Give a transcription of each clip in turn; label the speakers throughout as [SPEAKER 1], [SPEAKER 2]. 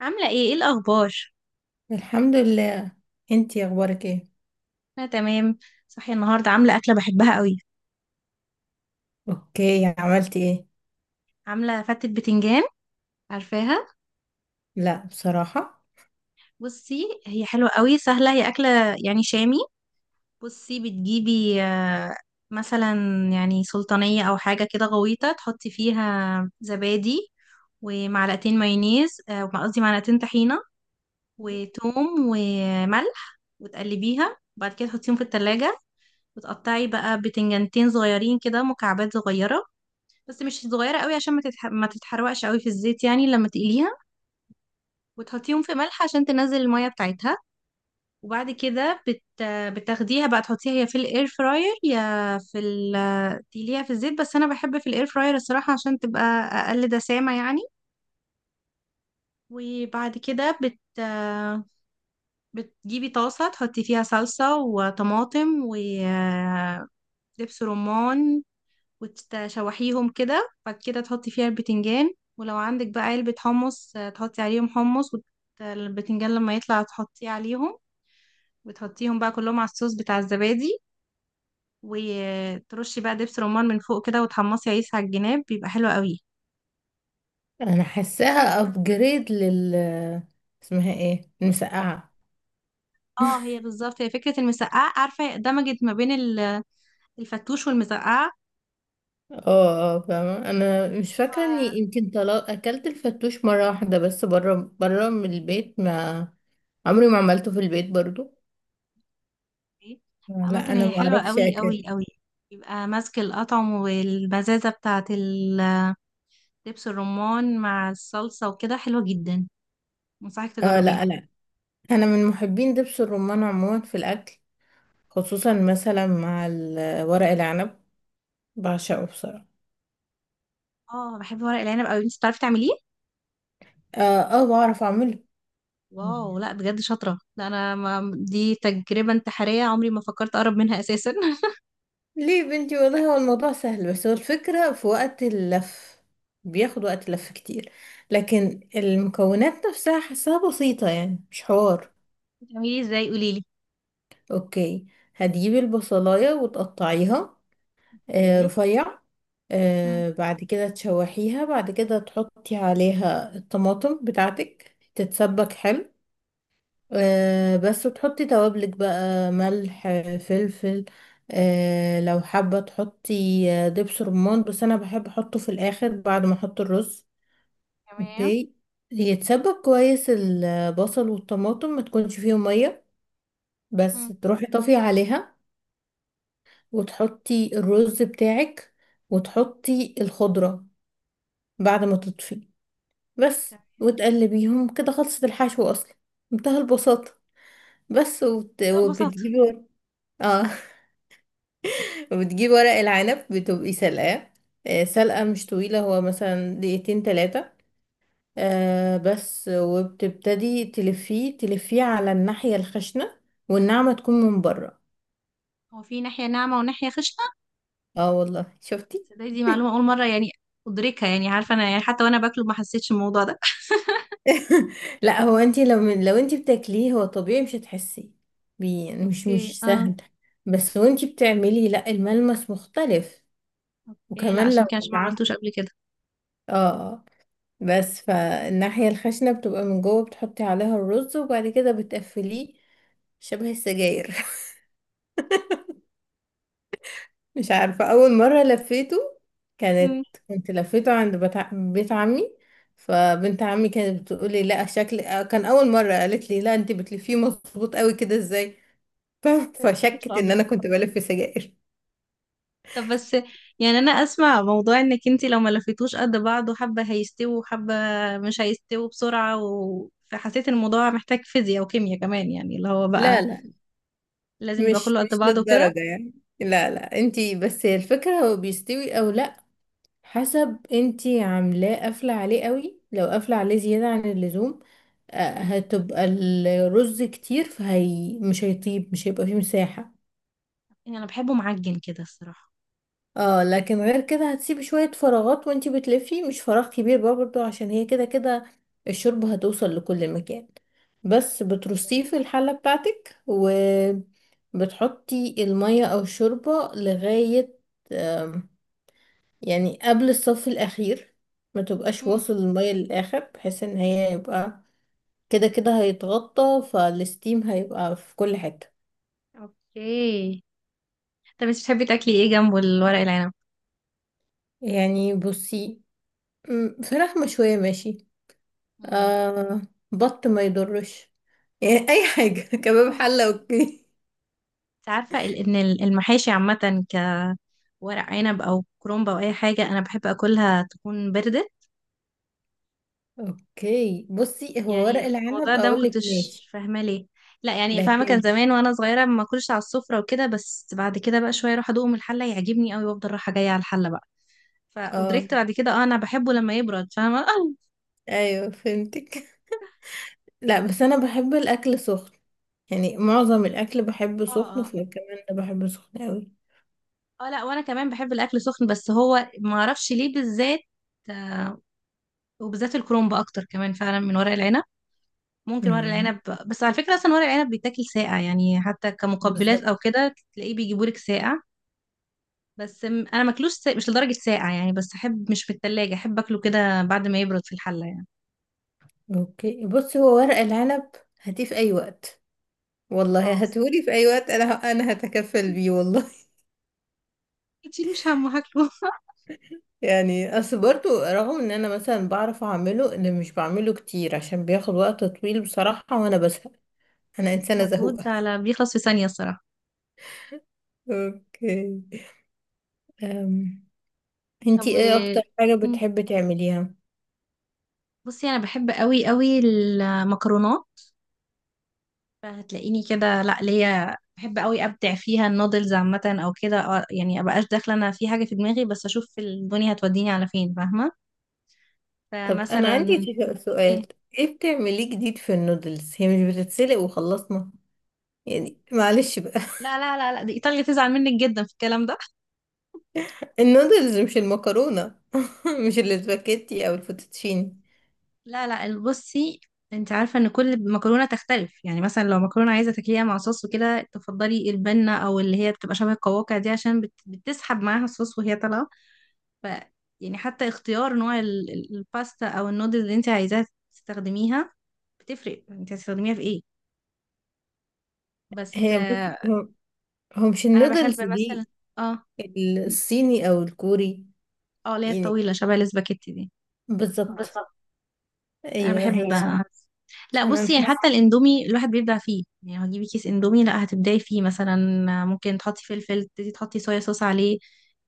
[SPEAKER 1] عاملة ايه الأخبار؟
[SPEAKER 2] الحمد لله. انتي اخبارك ايه؟
[SPEAKER 1] أنا تمام. صحية النهاردة، عاملة أكلة بحبها قوي.
[SPEAKER 2] اوكي، عملتي ايه؟
[SPEAKER 1] عاملة فتة بتنجان، عارفاها؟
[SPEAKER 2] لا بصراحة.
[SPEAKER 1] بصي هي حلوة قوي، سهلة. هي أكلة يعني شامي. بصي، بتجيبي مثلا يعني سلطانية أو حاجة كده غويطة، تحطي فيها زبادي ومعلقتين مايونيز قصدي معلقتين طحينة وتوم وملح، وتقلبيها وبعد كده تحطيهم في التلاجة. وتقطعي بقى بتنجانتين صغيرين كده، مكعبات صغيرة بس مش صغيرة قوي عشان ما تتحرقش قوي في الزيت يعني لما تقليها. وتحطيهم في ملح عشان تنزل المية بتاعتها. وبعد كده بتاخديها بقى تحطيها يا في الاير فراير يا في ال... تقليها في الزيت. بس انا بحب في الاير فراير الصراحة عشان تبقى اقل دسامة يعني. وبعد كده بتجيبي طاسة تحطي فيها صلصة وطماطم ودبس رمان، وتشوحيهم كده. بعد كده تحطي فيها البتنجان، ولو عندك بقى علبة حمص تحطي عليهم حمص. والبتنجان لما يطلع تحطيه عليهم، وتحطيهم بقى كلهم على الصوص بتاع الزبادي، وترشي بقى دبس رمان من فوق كده، وتحمصي عيش على الجناب، بيبقى حلو قوي.
[SPEAKER 2] انا حاساها ابجريد لل اسمها ايه المسقعة.
[SPEAKER 1] اه، هي بالظبط. هي فكرة المسقعة، عارفة؟ دمجت ما بين الفتوش والمسقعة.
[SPEAKER 2] اه، فاهمة. انا مش فاكرة
[SPEAKER 1] ف-
[SPEAKER 2] اني يمكن طلع اكلت الفتوش مرة واحدة بس برا برا من البيت، ما عمري ما عملته في البيت برضو.
[SPEAKER 1] عامة
[SPEAKER 2] لا انا
[SPEAKER 1] هي
[SPEAKER 2] ما
[SPEAKER 1] حلوة
[SPEAKER 2] اعرفش
[SPEAKER 1] قوي
[SPEAKER 2] اكل.
[SPEAKER 1] قوي قوي. يبقى ماسك الأطعم والمزازة بتاعة دبس الرمان مع الصلصة وكده، حلوة جدا. انصحك
[SPEAKER 2] لا،
[SPEAKER 1] تجربيها.
[SPEAKER 2] لا، انا من محبين دبس الرمان عموما في الاكل، خصوصا مثلا مع ورق العنب. بعشقه بصراحة.
[SPEAKER 1] اه، بحب ورق العنب قوي. انت بتعرفي تعمليه؟
[SPEAKER 2] اه، بعرف اعمله.
[SPEAKER 1] واو، لا بجد شاطرة. لا انا، ما دي تجربة انتحارية، عمري ما فكرت اقرب منها اساسا.
[SPEAKER 2] ليه يا بنتي؟ والله هو الموضوع سهل، بس هو الفكرة في وقت اللف. بياخد وقت لف كتير، لكن المكونات نفسها حاساها بسيطة يعني، مش حوار.
[SPEAKER 1] بتعمليه ازاي؟ قوليلي.
[SPEAKER 2] اوكي، هتجيبي البصلاية وتقطعيها،
[SPEAKER 1] اوكي.
[SPEAKER 2] رفيع.
[SPEAKER 1] مم.
[SPEAKER 2] بعد كده تشوحيها، بعد كده تحطي عليها الطماطم بتاعتك، تتسبك حلو. بس تحطي توابلك بقى، ملح، فلفل. لو حابة تحطي دبس رمان، بس أنا بحب أحطه في الآخر بعد ما أحط الرز.
[SPEAKER 1] تمام.
[SPEAKER 2] اوكي، يتسبك كويس البصل والطماطم، ما تكونش فيهم مية، بس
[SPEAKER 1] مم.
[SPEAKER 2] تروحي طافية عليها، وتحطي الرز بتاعك، وتحطي الخضرة بعد ما تطفي بس،
[SPEAKER 1] تمام.
[SPEAKER 2] وتقلبيهم كده، خلصت الحشو أصلا. منتهى البساطة. بس وبت...
[SPEAKER 1] لا ببساطة.
[SPEAKER 2] وبتجيبي ور- اه. وبتجيب ورق العنب، بتبقي سلقاه سلقة مش طويلة، هو مثلا دقيقتين تلاتة. بس، وبتبتدي تلفيه تلفيه على الناحية الخشنة، والناعمة تكون من بره.
[SPEAKER 1] هو في ناحية ناعمة وناحية خشنة؟
[SPEAKER 2] اه والله، شفتي.
[SPEAKER 1] تصدقي دي معلومة أول مرة يعني أدركها. يعني عارفة، أنا يعني حتى وأنا باكله ما حسيتش الموضوع ده.
[SPEAKER 2] لا، هو انتي لو من لو انتي بتاكليه، هو طبيعي مش هتحسي بيه يعني، مش
[SPEAKER 1] اوكي،
[SPEAKER 2] مش
[SPEAKER 1] اه.
[SPEAKER 2] سهل. بس وانتي بتعملي، لا، الملمس مختلف.
[SPEAKER 1] اوكي، لا
[SPEAKER 2] وكمان لو
[SPEAKER 1] عشان كده، عشان ما
[SPEAKER 2] اتعمل،
[SPEAKER 1] عملتوش قبل كده.
[SPEAKER 2] اه. بس، فالناحية الخشنة بتبقى من جوه، بتحطي عليها الرز، وبعد كده بتقفليه شبه السجاير. مش عارفة، أول مرة لفيته كانت كنت لفيته عند بيت عمي، فبنت عمي كانت بتقولي، لا شكل، كان أول مرة قالت لي، لا، انت بتلفيه مظبوط قوي كده ازاي؟ ف- فشكت
[SPEAKER 1] امم.
[SPEAKER 2] ان انا كنت بلف سجاير.
[SPEAKER 1] طب بس، يعني انا اسمع موضوع انك انتي لو ما لفيتوش قد بعض وحبة هيستووا وحبة مش هيستووا بسرعة فحسيت ان الموضوع محتاج فيزياء وكيمياء كمان، يعني اللي هو بقى
[SPEAKER 2] لا، لا،
[SPEAKER 1] لازم يبقى
[SPEAKER 2] مش
[SPEAKER 1] كله قد
[SPEAKER 2] مش
[SPEAKER 1] بعضه وكده.
[SPEAKER 2] للدرجة يعني. لا، لا، انت بس، هي الفكرة هو بيستوي او لا، حسب انتي عاملاه قافلة عليه قوي. لو قافلة عليه زيادة عن اللزوم،
[SPEAKER 1] مم.
[SPEAKER 2] هتبقى الرز كتير فهي مش هيطيب، مش هيبقى فيه مساحة.
[SPEAKER 1] يعني انا بحبه معجن كده الصراحة.
[SPEAKER 2] اه، لكن غير كده هتسيبي شوية فراغات وانتي بتلفي، مش فراغ كبير برضه عشان هي كده كده الشوربة هتوصل لكل مكان. بس بترصيه في الحلة بتاعتك، وبتحطي المية او الشوربة لغاية، يعني قبل الصف الأخير، ما تبقاش
[SPEAKER 1] مم.
[SPEAKER 2] واصل المية للآخر، بحيث ان هي يبقى كده كده هيتغطى فالستيم، هيبقى في كل حتة.
[SPEAKER 1] اوكي. طب انت بتحبي تاكلي ايه جنبه الورق العنب؟
[SPEAKER 2] يعني بصي، فراخ مشوية ماشي،
[SPEAKER 1] مم.
[SPEAKER 2] آه بط ما يضرش، يعني أي حاجة، كباب، حلة، أوكي.
[SPEAKER 1] انت عارفة ان المحاشي عامة، كورق عنب او كرومبة او اي حاجة، انا بحب اكلها تكون باردة.
[SPEAKER 2] أوكي بصي، هو ورق
[SPEAKER 1] يعني الموضوع
[SPEAKER 2] العنب
[SPEAKER 1] ده ما
[SPEAKER 2] أقولك،
[SPEAKER 1] كنتش
[SPEAKER 2] ماشي
[SPEAKER 1] فاهمه ليه. لا يعني فاهمه، كان
[SPEAKER 2] لكن،
[SPEAKER 1] زمان وانا صغيره ما اكلش على السفره وكده، بس بعد كده بقى شويه اروح ادوقه من الحله يعجبني قوي، وافضل رايحه جايه على الحله بقى.
[SPEAKER 2] اه،
[SPEAKER 1] فادركت بعد كده اه انا بحبه لما يبرد، فاهمه؟ اه.
[SPEAKER 2] أيوه فهمتك. لا بس أنا بحب الأكل سخن، يعني معظم الأكل بحبه سخن،
[SPEAKER 1] اه،
[SPEAKER 2] فكمان ده بحبه سخن أوي.
[SPEAKER 1] اه، لا وانا كمان بحب الاكل سخن. بس هو ما اعرفش ليه بالذات، آه، وبالذات الكرومب اكتر كمان فعلا من ورق العنب. ممكن ورق
[SPEAKER 2] امم،
[SPEAKER 1] العنب، بس على فكره اصلا ورق العنب بيتاكل ساقع، يعني حتى كمقبلات
[SPEAKER 2] بالظبط.
[SPEAKER 1] او كده تلاقيه بيجيبولك ساقع. بس انا ماكلوش مش لدرجه ساقع يعني، بس احب مش في التلاجة، احب اكله كده بعد ما يبرد في الحله يعني.
[SPEAKER 2] اوكي بص، هو ورق العنب هاتيه في اي وقت،
[SPEAKER 1] اه
[SPEAKER 2] والله
[SPEAKER 1] الصراحة.
[SPEAKER 2] هاتهولي في اي وقت، انا هتكفل بيه والله.
[SPEAKER 1] ما تشيلوش هم، هاكله.
[SPEAKER 2] يعني اصل برضو، رغم ان انا مثلا بعرف اعمله، اللي مش بعمله كتير عشان بياخد وقت طويل بصراحة، وانا بزهق، انا انسانة
[SPEAKER 1] مجهود
[SPEAKER 2] زهوقة.
[SPEAKER 1] على بيخلص في ثانيه الصراحه.
[SPEAKER 2] اوكي. أم.
[SPEAKER 1] طب
[SPEAKER 2] انتي ايه اكتر حاجة
[SPEAKER 1] م.
[SPEAKER 2] بتحبي تعمليها؟
[SPEAKER 1] بصي انا بحب قوي قوي المكرونات، فهتلاقيني كده. لا، ليا بحب قوي ابدع فيها، النودلز عامه او كده يعني ابقاش داخله انا في حاجه في دماغي، بس اشوف الدنيا هتوديني على فين، فاهمه؟
[SPEAKER 2] طب انا
[SPEAKER 1] فمثلا،
[SPEAKER 2] عندي
[SPEAKER 1] ايه،
[SPEAKER 2] سؤال، ايه بتعمليه جديد في النودلز؟ هي مش بتتسلق وخلصنا يعني؟ معلش،
[SPEAKER 1] لا لا لا لا دي ايطاليا تزعل منك جدا في الكلام ده.
[SPEAKER 2] النودلز مش المكرونة، مش الاسباجيتي او الفوتوتشيني.
[SPEAKER 1] لا لا، بصي، انت عارفه ان كل مكرونه تختلف. يعني مثلا لو مكرونه عايزه تاكليها مع صوص وكده، تفضلي البنه او اللي هي بتبقى شبه القواقع دي، عشان بتسحب معاها الصوص وهي طالعه. ف يعني حتى اختيار نوع الباستا او النودلز اللي انت عايزاها تستخدميها، بتفرق. انت هتستخدميها في ايه؟ بس
[SPEAKER 2] هي بص، هو مش
[SPEAKER 1] انا بحب
[SPEAKER 2] النودلز
[SPEAKER 1] مثلا،
[SPEAKER 2] دي،
[SPEAKER 1] اه،
[SPEAKER 2] الصيني او الكوري
[SPEAKER 1] اه اللي هي
[SPEAKER 2] يعني،
[SPEAKER 1] الطويله شبه الاسباجيتي دي.
[SPEAKER 2] بالظبط،
[SPEAKER 1] انا بحب،
[SPEAKER 2] ايوه.
[SPEAKER 1] ايوه. لا
[SPEAKER 2] عشان انا
[SPEAKER 1] بصي، يعني
[SPEAKER 2] حاسه
[SPEAKER 1] حتى الاندومي الواحد بيبدع فيه. يعني هتجيبي كيس اندومي، لا هتبدعي فيه مثلا. ممكن تحطي فلفل، تبتدي تحطي صويا صوص عليه.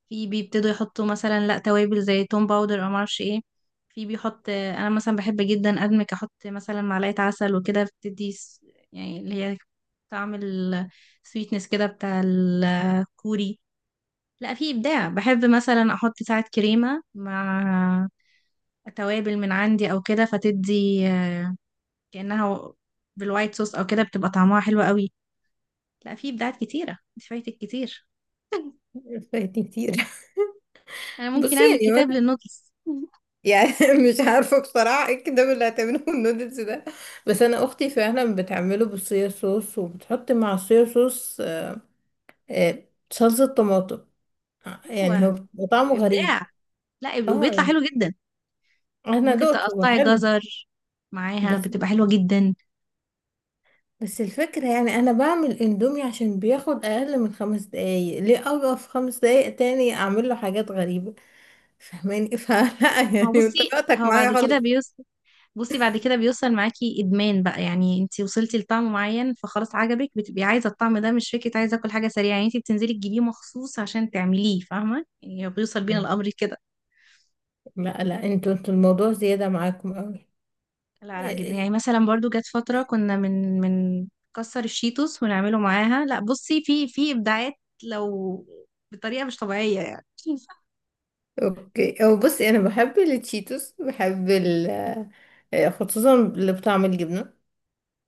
[SPEAKER 1] في بيبتدوا يحطوا مثلا، لا توابل زي توم باودر او معرفش ايه. في بيحط، انا مثلا بحب جدا ادمك، احط مثلا معلقه عسل وكده بتدي يعني اللي هي طعم السويتنس كده بتاع الكوري. لا في ابداع. بحب مثلا احط ساعات كريمه مع توابل من عندي او كده، فتدي كأنها بالوايت صوص او كده، بتبقى طعمها حلو قوي. لا في ابداعات كتيرة، انت فايتك كتير.
[SPEAKER 2] فايتني كتير.
[SPEAKER 1] انا ممكن
[SPEAKER 2] بصي
[SPEAKER 1] اعمل
[SPEAKER 2] يعني
[SPEAKER 1] كتاب
[SPEAKER 2] وانا
[SPEAKER 1] للنودلز.
[SPEAKER 2] يعني، مش عارفه بصراحه ايه الكلام اللي هتعمله النودلز ده، بس انا اختي فعلا بتعمله بالصويا صوص، وبتحط مع الصويا صوص، آه، صلصه طماطم. يعني هو
[SPEAKER 1] ايوه،
[SPEAKER 2] بيبقى طعمه غريب.
[SPEAKER 1] ابداع. لا وبيطلع
[SPEAKER 2] اه
[SPEAKER 1] حلو جدا.
[SPEAKER 2] انا
[SPEAKER 1] وممكن
[SPEAKER 2] دقته، هو
[SPEAKER 1] تقطعي
[SPEAKER 2] حلو.
[SPEAKER 1] جزر معاها،
[SPEAKER 2] بس
[SPEAKER 1] بتبقى حلوة جدا.
[SPEAKER 2] بس الفكرة، يعني أنا بعمل اندومي عشان بياخد أقل من 5 دقايق، ليه أوقف 5 دقايق تاني أعمل له حاجات غريبة؟ فهماني؟ فلا
[SPEAKER 1] ما هو
[SPEAKER 2] يعني
[SPEAKER 1] بصي،
[SPEAKER 2] انت وقتك
[SPEAKER 1] هو بعد
[SPEAKER 2] معايا
[SPEAKER 1] كده
[SPEAKER 2] خالص.
[SPEAKER 1] بيوصل. بصي، بعد كده بيوصل معاكي ادمان بقى. يعني انت وصلتي لطعم معين فخلاص عجبك، بتبقي عايزه الطعم ده، مش فكره عايزه اكل حاجه سريعه. يعني انت بتنزلي تجيبيه مخصوص عشان تعمليه، فاهمه؟ يعني هو بيوصل بينا
[SPEAKER 2] مم.
[SPEAKER 1] الامر كده.
[SPEAKER 2] لا، لا، انتوا الموضوع زيادة معاكم أوي.
[SPEAKER 1] لا لا، جدا. يعني
[SPEAKER 2] إيه،
[SPEAKER 1] مثلا برضو جت فترة كنا من كسر الشيتوس ونعمله معاها. لا بصي، في إبداعات، لو بطريقة مش طبيعية يعني.
[SPEAKER 2] اوكي او بصي، أنا بحب التشيتوس، بحب ال خصوصا اللي بطعم الجبنة.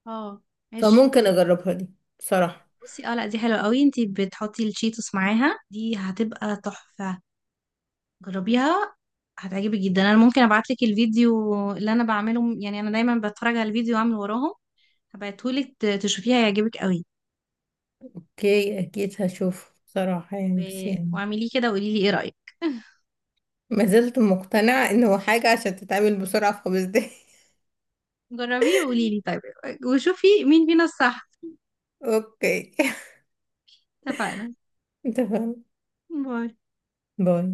[SPEAKER 1] اه، ماشي.
[SPEAKER 2] فممكن أجربها دي بصراحة.
[SPEAKER 1] بصي اه، لا دي حلوة قوي. انتي بتحطي الشيتوس معاها، دي هتبقى تحفة. جربيها، هتعجبك جدا. انا ممكن ابعتلك الفيديو اللي انا بعمله، يعني انا دايما بتفرج على الفيديو واعمل وراهم. هبعتهولك تشوفيها، هيعجبك قوي.
[SPEAKER 2] اوكي، أكيد هشوف بصراحة، يعني بس يعني،
[SPEAKER 1] واعمليه كده وقولي لي ايه رأيك.
[SPEAKER 2] ما زلت مقتنعة انه حاجة عشان تتعمل بسرعة في 5 دقايق.
[SPEAKER 1] جربيه وقولي لي، طيب؟ وشوفي مين فينا الصح.
[SPEAKER 2] اوكي،
[SPEAKER 1] اتفقنا.
[SPEAKER 2] انت فاهم.
[SPEAKER 1] باي.
[SPEAKER 2] باي.